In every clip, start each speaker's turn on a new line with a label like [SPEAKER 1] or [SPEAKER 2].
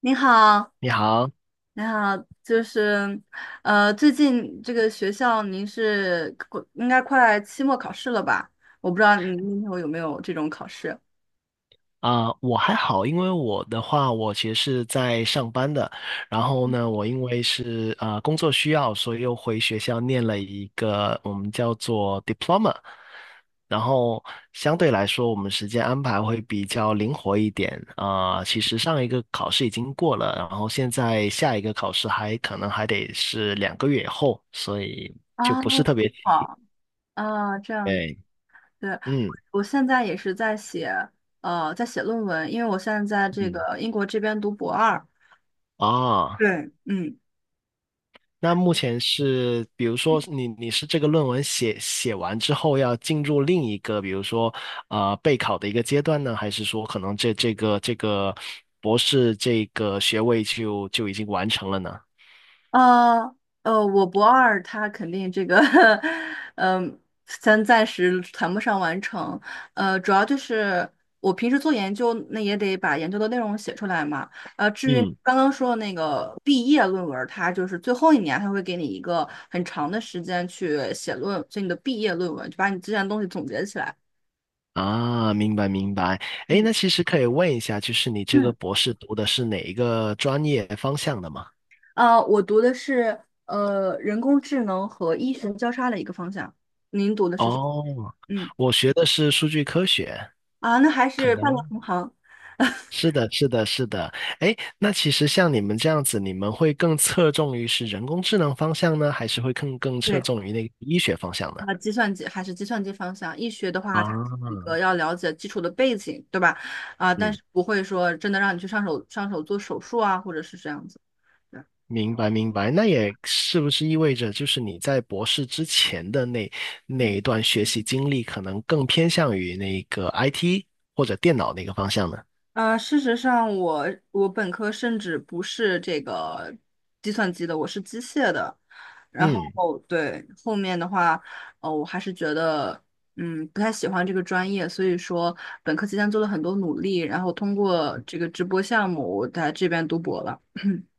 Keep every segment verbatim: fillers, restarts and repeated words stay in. [SPEAKER 1] 您好，
[SPEAKER 2] 你好。
[SPEAKER 1] 您好，就是，呃，最近这个学校您是快应该快期末考试了吧？我不知道您那头有没有这种考试
[SPEAKER 2] 啊、我还好，因为我的话，我其实是在上班的。然后呢，我因为是呃工作需要，所以又回学校念了一个我们叫做 diploma，然后相对来说，我们时间安排会比较灵活一点。啊、其实上一个考试已经过了，然后现在下一个考试还可能还得是两个月以后，所以就
[SPEAKER 1] 啊？
[SPEAKER 2] 不是特别急。
[SPEAKER 1] 好啊，这样
[SPEAKER 2] 对，
[SPEAKER 1] 对，
[SPEAKER 2] 嗯
[SPEAKER 1] 我现在也是在写，呃，在写论文，因为我现在在这
[SPEAKER 2] 嗯，
[SPEAKER 1] 个英国这边读博二。
[SPEAKER 2] 啊。
[SPEAKER 1] 对，嗯。
[SPEAKER 2] 那目前是，比如说你你是这个论文写写完之后要进入另一个，比如说呃备考的一个阶段呢，还是说可能这这个这个博士这个学位就就已经完成了呢？
[SPEAKER 1] 呃呃，我博二他肯定这个，嗯、咱暂时谈不上完成。呃，主要就是我平时做研究，那也得把研究的内容写出来嘛。呃，至于
[SPEAKER 2] 嗯，
[SPEAKER 1] 刚刚说的那个毕业论文儿，它就是最后一年，它会给你一个很长的时间去写论，所以你的毕业论文就把你之前的东西总结起来。
[SPEAKER 2] 啊，明白明白。诶，
[SPEAKER 1] 嗯
[SPEAKER 2] 那其实可以问一下，就是你这个
[SPEAKER 1] 嗯，
[SPEAKER 2] 博士读的是哪一个专业方向的吗？
[SPEAKER 1] 呃，我读的是呃人工智能和医学交叉的一个方向，您读的是？
[SPEAKER 2] 哦，
[SPEAKER 1] 嗯。
[SPEAKER 2] 我学的是数据科学。
[SPEAKER 1] 啊，那还
[SPEAKER 2] 可
[SPEAKER 1] 是半个
[SPEAKER 2] 能。
[SPEAKER 1] 同行。
[SPEAKER 2] 是的，是的，是的。哎，那其实像你们这样子，你们会更侧重于是人工智能方向呢，还是会更更侧
[SPEAKER 1] 对，
[SPEAKER 2] 重于那个医学方向呢？
[SPEAKER 1] 啊，计算机还是计算机方向。一学的话，它是一个
[SPEAKER 2] 啊，
[SPEAKER 1] 要了解基础的背景，对吧？啊，但
[SPEAKER 2] 嗯，
[SPEAKER 1] 是不会说真的让你去上手上手做手术啊，或者是这样子。对。
[SPEAKER 2] 明白明白。那也是不是意味着，就是你在博士之前的那那一段学习经历，可能更偏向于那个 I T 或者电脑那个方向呢？
[SPEAKER 1] 呃，事实上我，我本科甚至不是这个计算机的，我是机械的。然
[SPEAKER 2] 嗯。
[SPEAKER 1] 后对后面的话，呃，我还是觉得，嗯，不太喜欢这个专业，所以说本科期间做了很多努力，然后通过这个直播项目，我在这边读博了。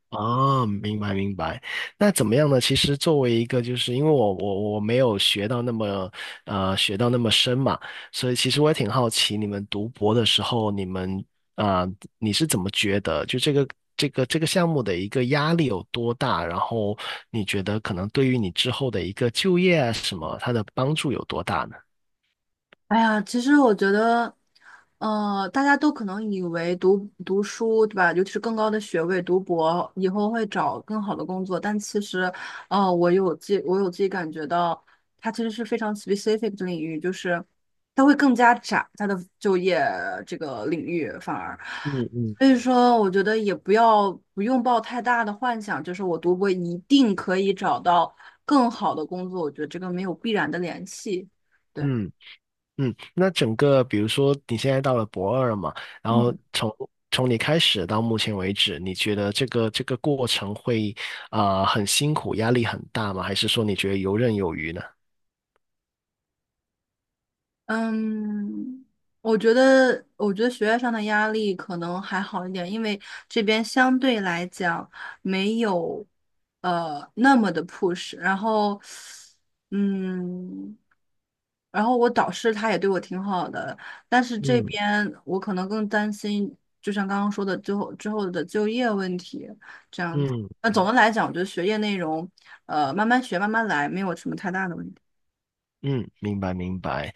[SPEAKER 2] 啊，明白明白。那怎么样呢？其实作为一个，就是因为我我我没有学到那么呃学到那么深嘛，所以其实我也挺好奇，你们读博的时候，你们啊、呃你是怎么觉得就这个这个这个项目的一个压力有多大？然后你觉得可能对于你之后的一个就业啊什么，它的帮助有多大呢？
[SPEAKER 1] 哎呀，其实我觉得，呃，大家都可能以为读读书，对吧？尤其是更高的学位，读博以后会找更好的工作，但其实，呃，我有自己我有自己感觉到，它其实是非常 specific 的领域，就是它会更加窄它的就业这个领域，反而，
[SPEAKER 2] 嗯嗯。
[SPEAKER 1] 所以说，我觉得也不要不用抱太大的幻想，就是我读博一定可以找到更好的工作，我觉得这个没有必然的联系。对。
[SPEAKER 2] 嗯嗯，那整个比如说你现在到了博二嘛，然
[SPEAKER 1] 嗯。
[SPEAKER 2] 后从从你开始到目前为止，你觉得这个这个过程会啊、呃很辛苦，压力很大吗？还是说你觉得游刃有余呢？
[SPEAKER 1] 嗯，我觉得，我觉得学业上的压力可能还好一点，因为这边相对来讲没有呃那么的 push。然后，嗯，然后我导师他也对我挺好的，但是这
[SPEAKER 2] 嗯。
[SPEAKER 1] 边我可能更担心，就像刚刚说的，最后之后的就业问题这样子。
[SPEAKER 2] 嗯
[SPEAKER 1] 那总的来讲，我觉得学业内容，呃，慢慢学，慢慢来，没有什么太大的问题。
[SPEAKER 2] 嗯，明白明白。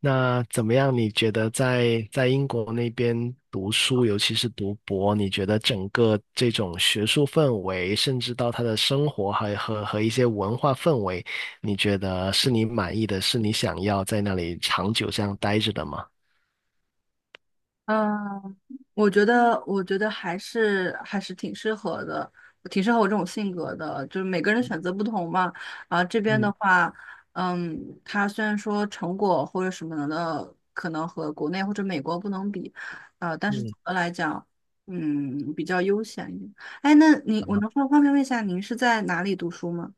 [SPEAKER 2] 那怎么样？你觉得在在英国那边读书，尤其是读博，你觉得整个这种学术氛围，甚至到他的生活还和和一些文化氛围，你觉得是你满意的，是你想要在那里长久这样待着的吗？
[SPEAKER 1] 嗯，我觉得，我觉得还是还是挺适合的，挺适合我这种性格的。就是每个人选择不同嘛。啊，这边的
[SPEAKER 2] 嗯
[SPEAKER 1] 话，嗯，它虽然说成果或者什么的，可能和国内或者美国不能比，呃，但是
[SPEAKER 2] 嗯，
[SPEAKER 1] 总的来讲，嗯，比较悠闲一点。哎，那你，我能方方便问一下，您是在哪里读书吗？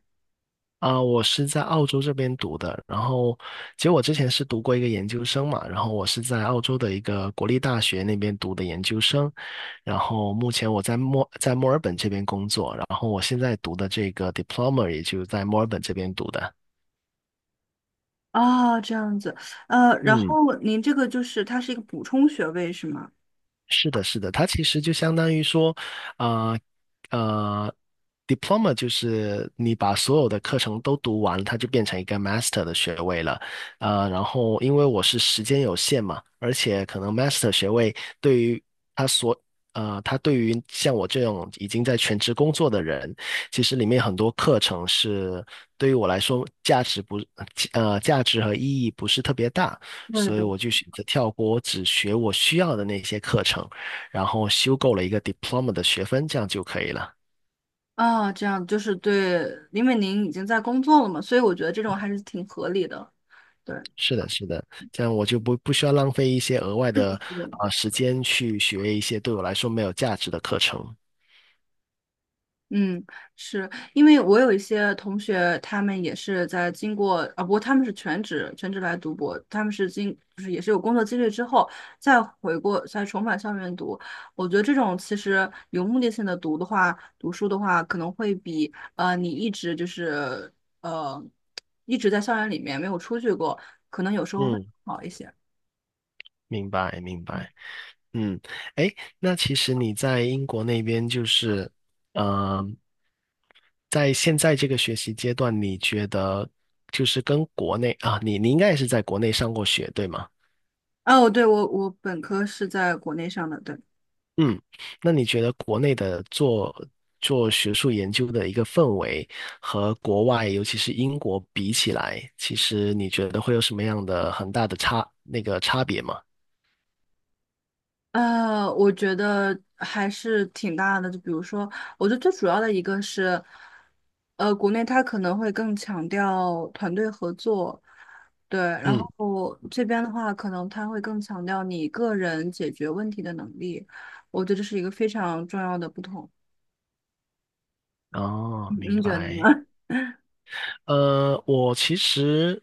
[SPEAKER 2] 啊、我是在澳洲这边读的，然后其实我之前是读过一个研究生嘛，然后我是在澳洲的一个国立大学那边读的研究生，然后目前我在墨在墨尔本这边工作，然后我现在读的这个 diploma 也就在墨尔本这边读的。
[SPEAKER 1] 哦，这样子，呃，然
[SPEAKER 2] 嗯，
[SPEAKER 1] 后您这个就是它是一个补充学位是吗？
[SPEAKER 2] 是的，是的，它其实就相当于说，呃呃，diploma 就是你把所有的课程都读完，它就变成一个 master 的学位了。呃，然后因为我是时间有限嘛，而且可能 master 学位对于他所呃，他对于像我这种已经在全职工作的人，其实里面很多课程是对于我来说价值不呃价值和意义不是特别大。
[SPEAKER 1] 对
[SPEAKER 2] 所以
[SPEAKER 1] 对
[SPEAKER 2] 我就选择跳过，我只学我需要的那些课程，然后修够了一个 diploma 的学分，这样就可以了。
[SPEAKER 1] 啊，这样就是对，因为您已经在工作了嘛，所以我觉得这种还是挺合理的。对，
[SPEAKER 2] 是的，是的，这样我就不不需要浪费一些额外的啊、呃时间去学一些对我来说没有价值的课程。
[SPEAKER 1] 嗯，是因为我有一些同学，他们也是在经过啊，不过他们是全职全职来读博，他们是经就是也是有工作经历之后再回过再重返校园读。我觉得这种其实有目的性的读的话，读书的话，可能会比呃你一直就是呃一直在校园里面没有出去过，可能有时候会
[SPEAKER 2] 嗯，
[SPEAKER 1] 好一些。
[SPEAKER 2] 明白，明白。嗯，哎，那其实你在英国那边就是，嗯、在现在这个学习阶段，你觉得就是跟国内啊，你你应该也是在国内上过学，对吗？
[SPEAKER 1] 哦，对，我我本科是在国内上的，对，
[SPEAKER 2] 嗯，那你觉得国内的做做学术研究的一个氛围和国外，尤其是英国比起来，其实你觉得会有什么样的很大的差，那个差别吗？
[SPEAKER 1] 呃，我觉得还是挺大的。就比如说，我觉得最主要的一个是，呃，国内它可能会更强调团队合作，对，然
[SPEAKER 2] 嗯，
[SPEAKER 1] 后这边的话，可能它会更强调你个人解决问题的能力。我觉得这是一个非常重要的不同。
[SPEAKER 2] 哦，
[SPEAKER 1] 您
[SPEAKER 2] 明
[SPEAKER 1] 你觉得
[SPEAKER 2] 白。
[SPEAKER 1] 呢？
[SPEAKER 2] 呃，我其实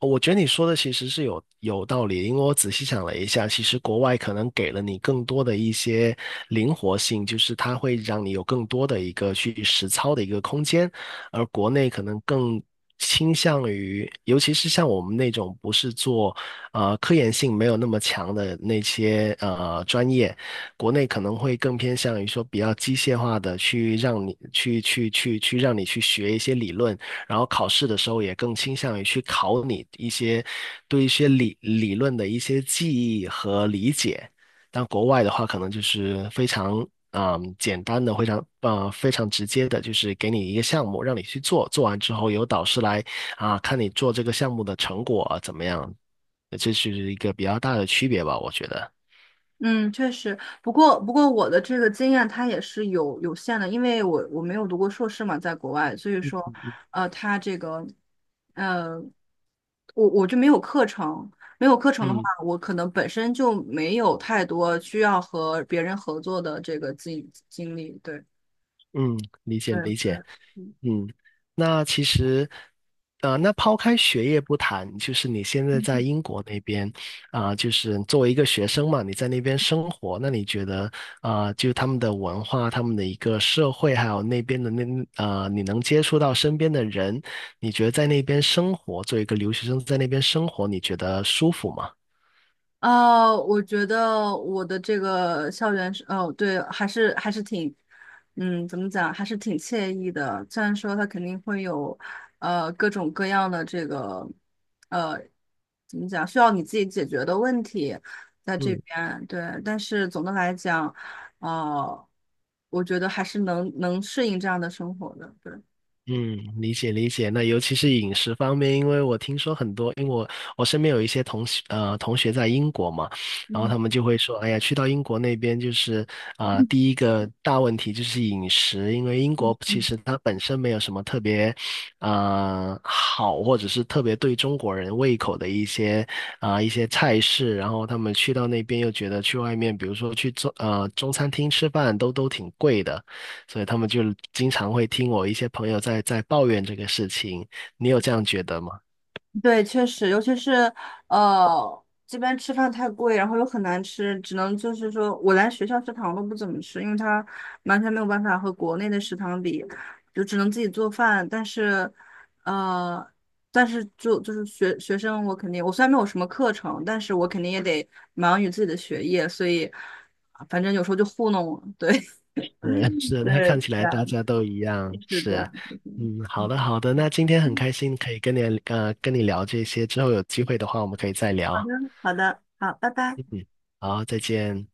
[SPEAKER 2] 我觉得你说的其实是有有道理，因为我仔细想了一下，其实国外可能给了你更多的一些灵活性，就是它会让你有更多的一个去实操的一个空间，而国内可能更倾向于，尤其是像我们那种不是做呃科研性没有那么强的那些呃专业，国内可能会更偏向于说比较机械化的去让你去去去去让你去学一些理论，然后考试的时候也更倾向于去考你一些对一些理理论的一些记忆和理解。但国外的话，可能就是非常嗯简单的，非常呃非常直接的，就是给你一个项目让你去做，做完之后由导师来啊看你做这个项目的成果啊怎么样，这是一个比较大的区别吧，我觉得。
[SPEAKER 1] 嗯，确实，不过不过我的这个经验它也是有有限的，因为我我没有读过硕士嘛，在国外，所以说，呃，它这个，呃，我我就没有课程，没有课程的话，
[SPEAKER 2] 嗯
[SPEAKER 1] 我可能本身就没有太多需要和别人合作的这个经经历，对，
[SPEAKER 2] 嗯，理解理
[SPEAKER 1] 嗯，
[SPEAKER 2] 解。
[SPEAKER 1] 嗯。
[SPEAKER 2] 嗯，那其实，呃，那抛开学业不谈，就是你现在在英国那边，啊、就是作为一个学生嘛，你在那边生活，那你觉得，啊、就他们的文化、他们的一个社会，还有那边的那，呃，你能接触到身边的人，你觉得在那边生活，作为一个留学生在那边生活，你觉得舒服吗？
[SPEAKER 1] 啊，我觉得我的这个校园是，哦，对，还是还是挺，嗯，怎么讲，还是挺惬意的。虽然说它肯定会有，呃，各种各样的这个，呃，怎么讲，需要你自己解决的问题在这
[SPEAKER 2] 嗯。
[SPEAKER 1] 边，对。但是总的来讲，呃，我觉得还是能能适应这样的生活的，对。
[SPEAKER 2] 嗯，理解理解。那尤其是饮食方面，因为我听说很多，因为我我身边有一些同学呃同学在英国嘛，然后
[SPEAKER 1] 嗯。
[SPEAKER 2] 他们就会说，哎呀，去到英国那边就是啊、第一个大问题就是饮食，因为英国其实它本身没有什么特别啊、好，或者是特别对中国人胃口的一些啊、一些菜式，然后他们去到那边又觉得去外面，比如说去中呃中餐厅吃饭都都挺贵的。所以他们就经常会听我一些朋友在在抱怨这个事情。你有这样觉得吗？
[SPEAKER 1] 对，确实，尤其是呃，这边吃饭太贵，然后又很难吃，只能就是说我连学校食堂都不怎么吃，因为它完全没有办法和国内的食堂比，就只能自己做饭。但是，呃，但是就就是学学生，我肯定我虽然没有什么课程，但是我肯定也得忙于自己的学业，所以啊反正有时候就糊弄我。对，
[SPEAKER 2] 是 是，那
[SPEAKER 1] 对，
[SPEAKER 2] 看起
[SPEAKER 1] 这
[SPEAKER 2] 来
[SPEAKER 1] 样，
[SPEAKER 2] 大家都一样。
[SPEAKER 1] 是这
[SPEAKER 2] 是，
[SPEAKER 1] 样。
[SPEAKER 2] 嗯，好
[SPEAKER 1] 嗯，
[SPEAKER 2] 的好的，那今天很开心可以跟你呃跟你聊这些，之后有机会的话我们可以再
[SPEAKER 1] 好的，
[SPEAKER 2] 聊。
[SPEAKER 1] 好的，好，拜拜。
[SPEAKER 2] 嗯，好，再见。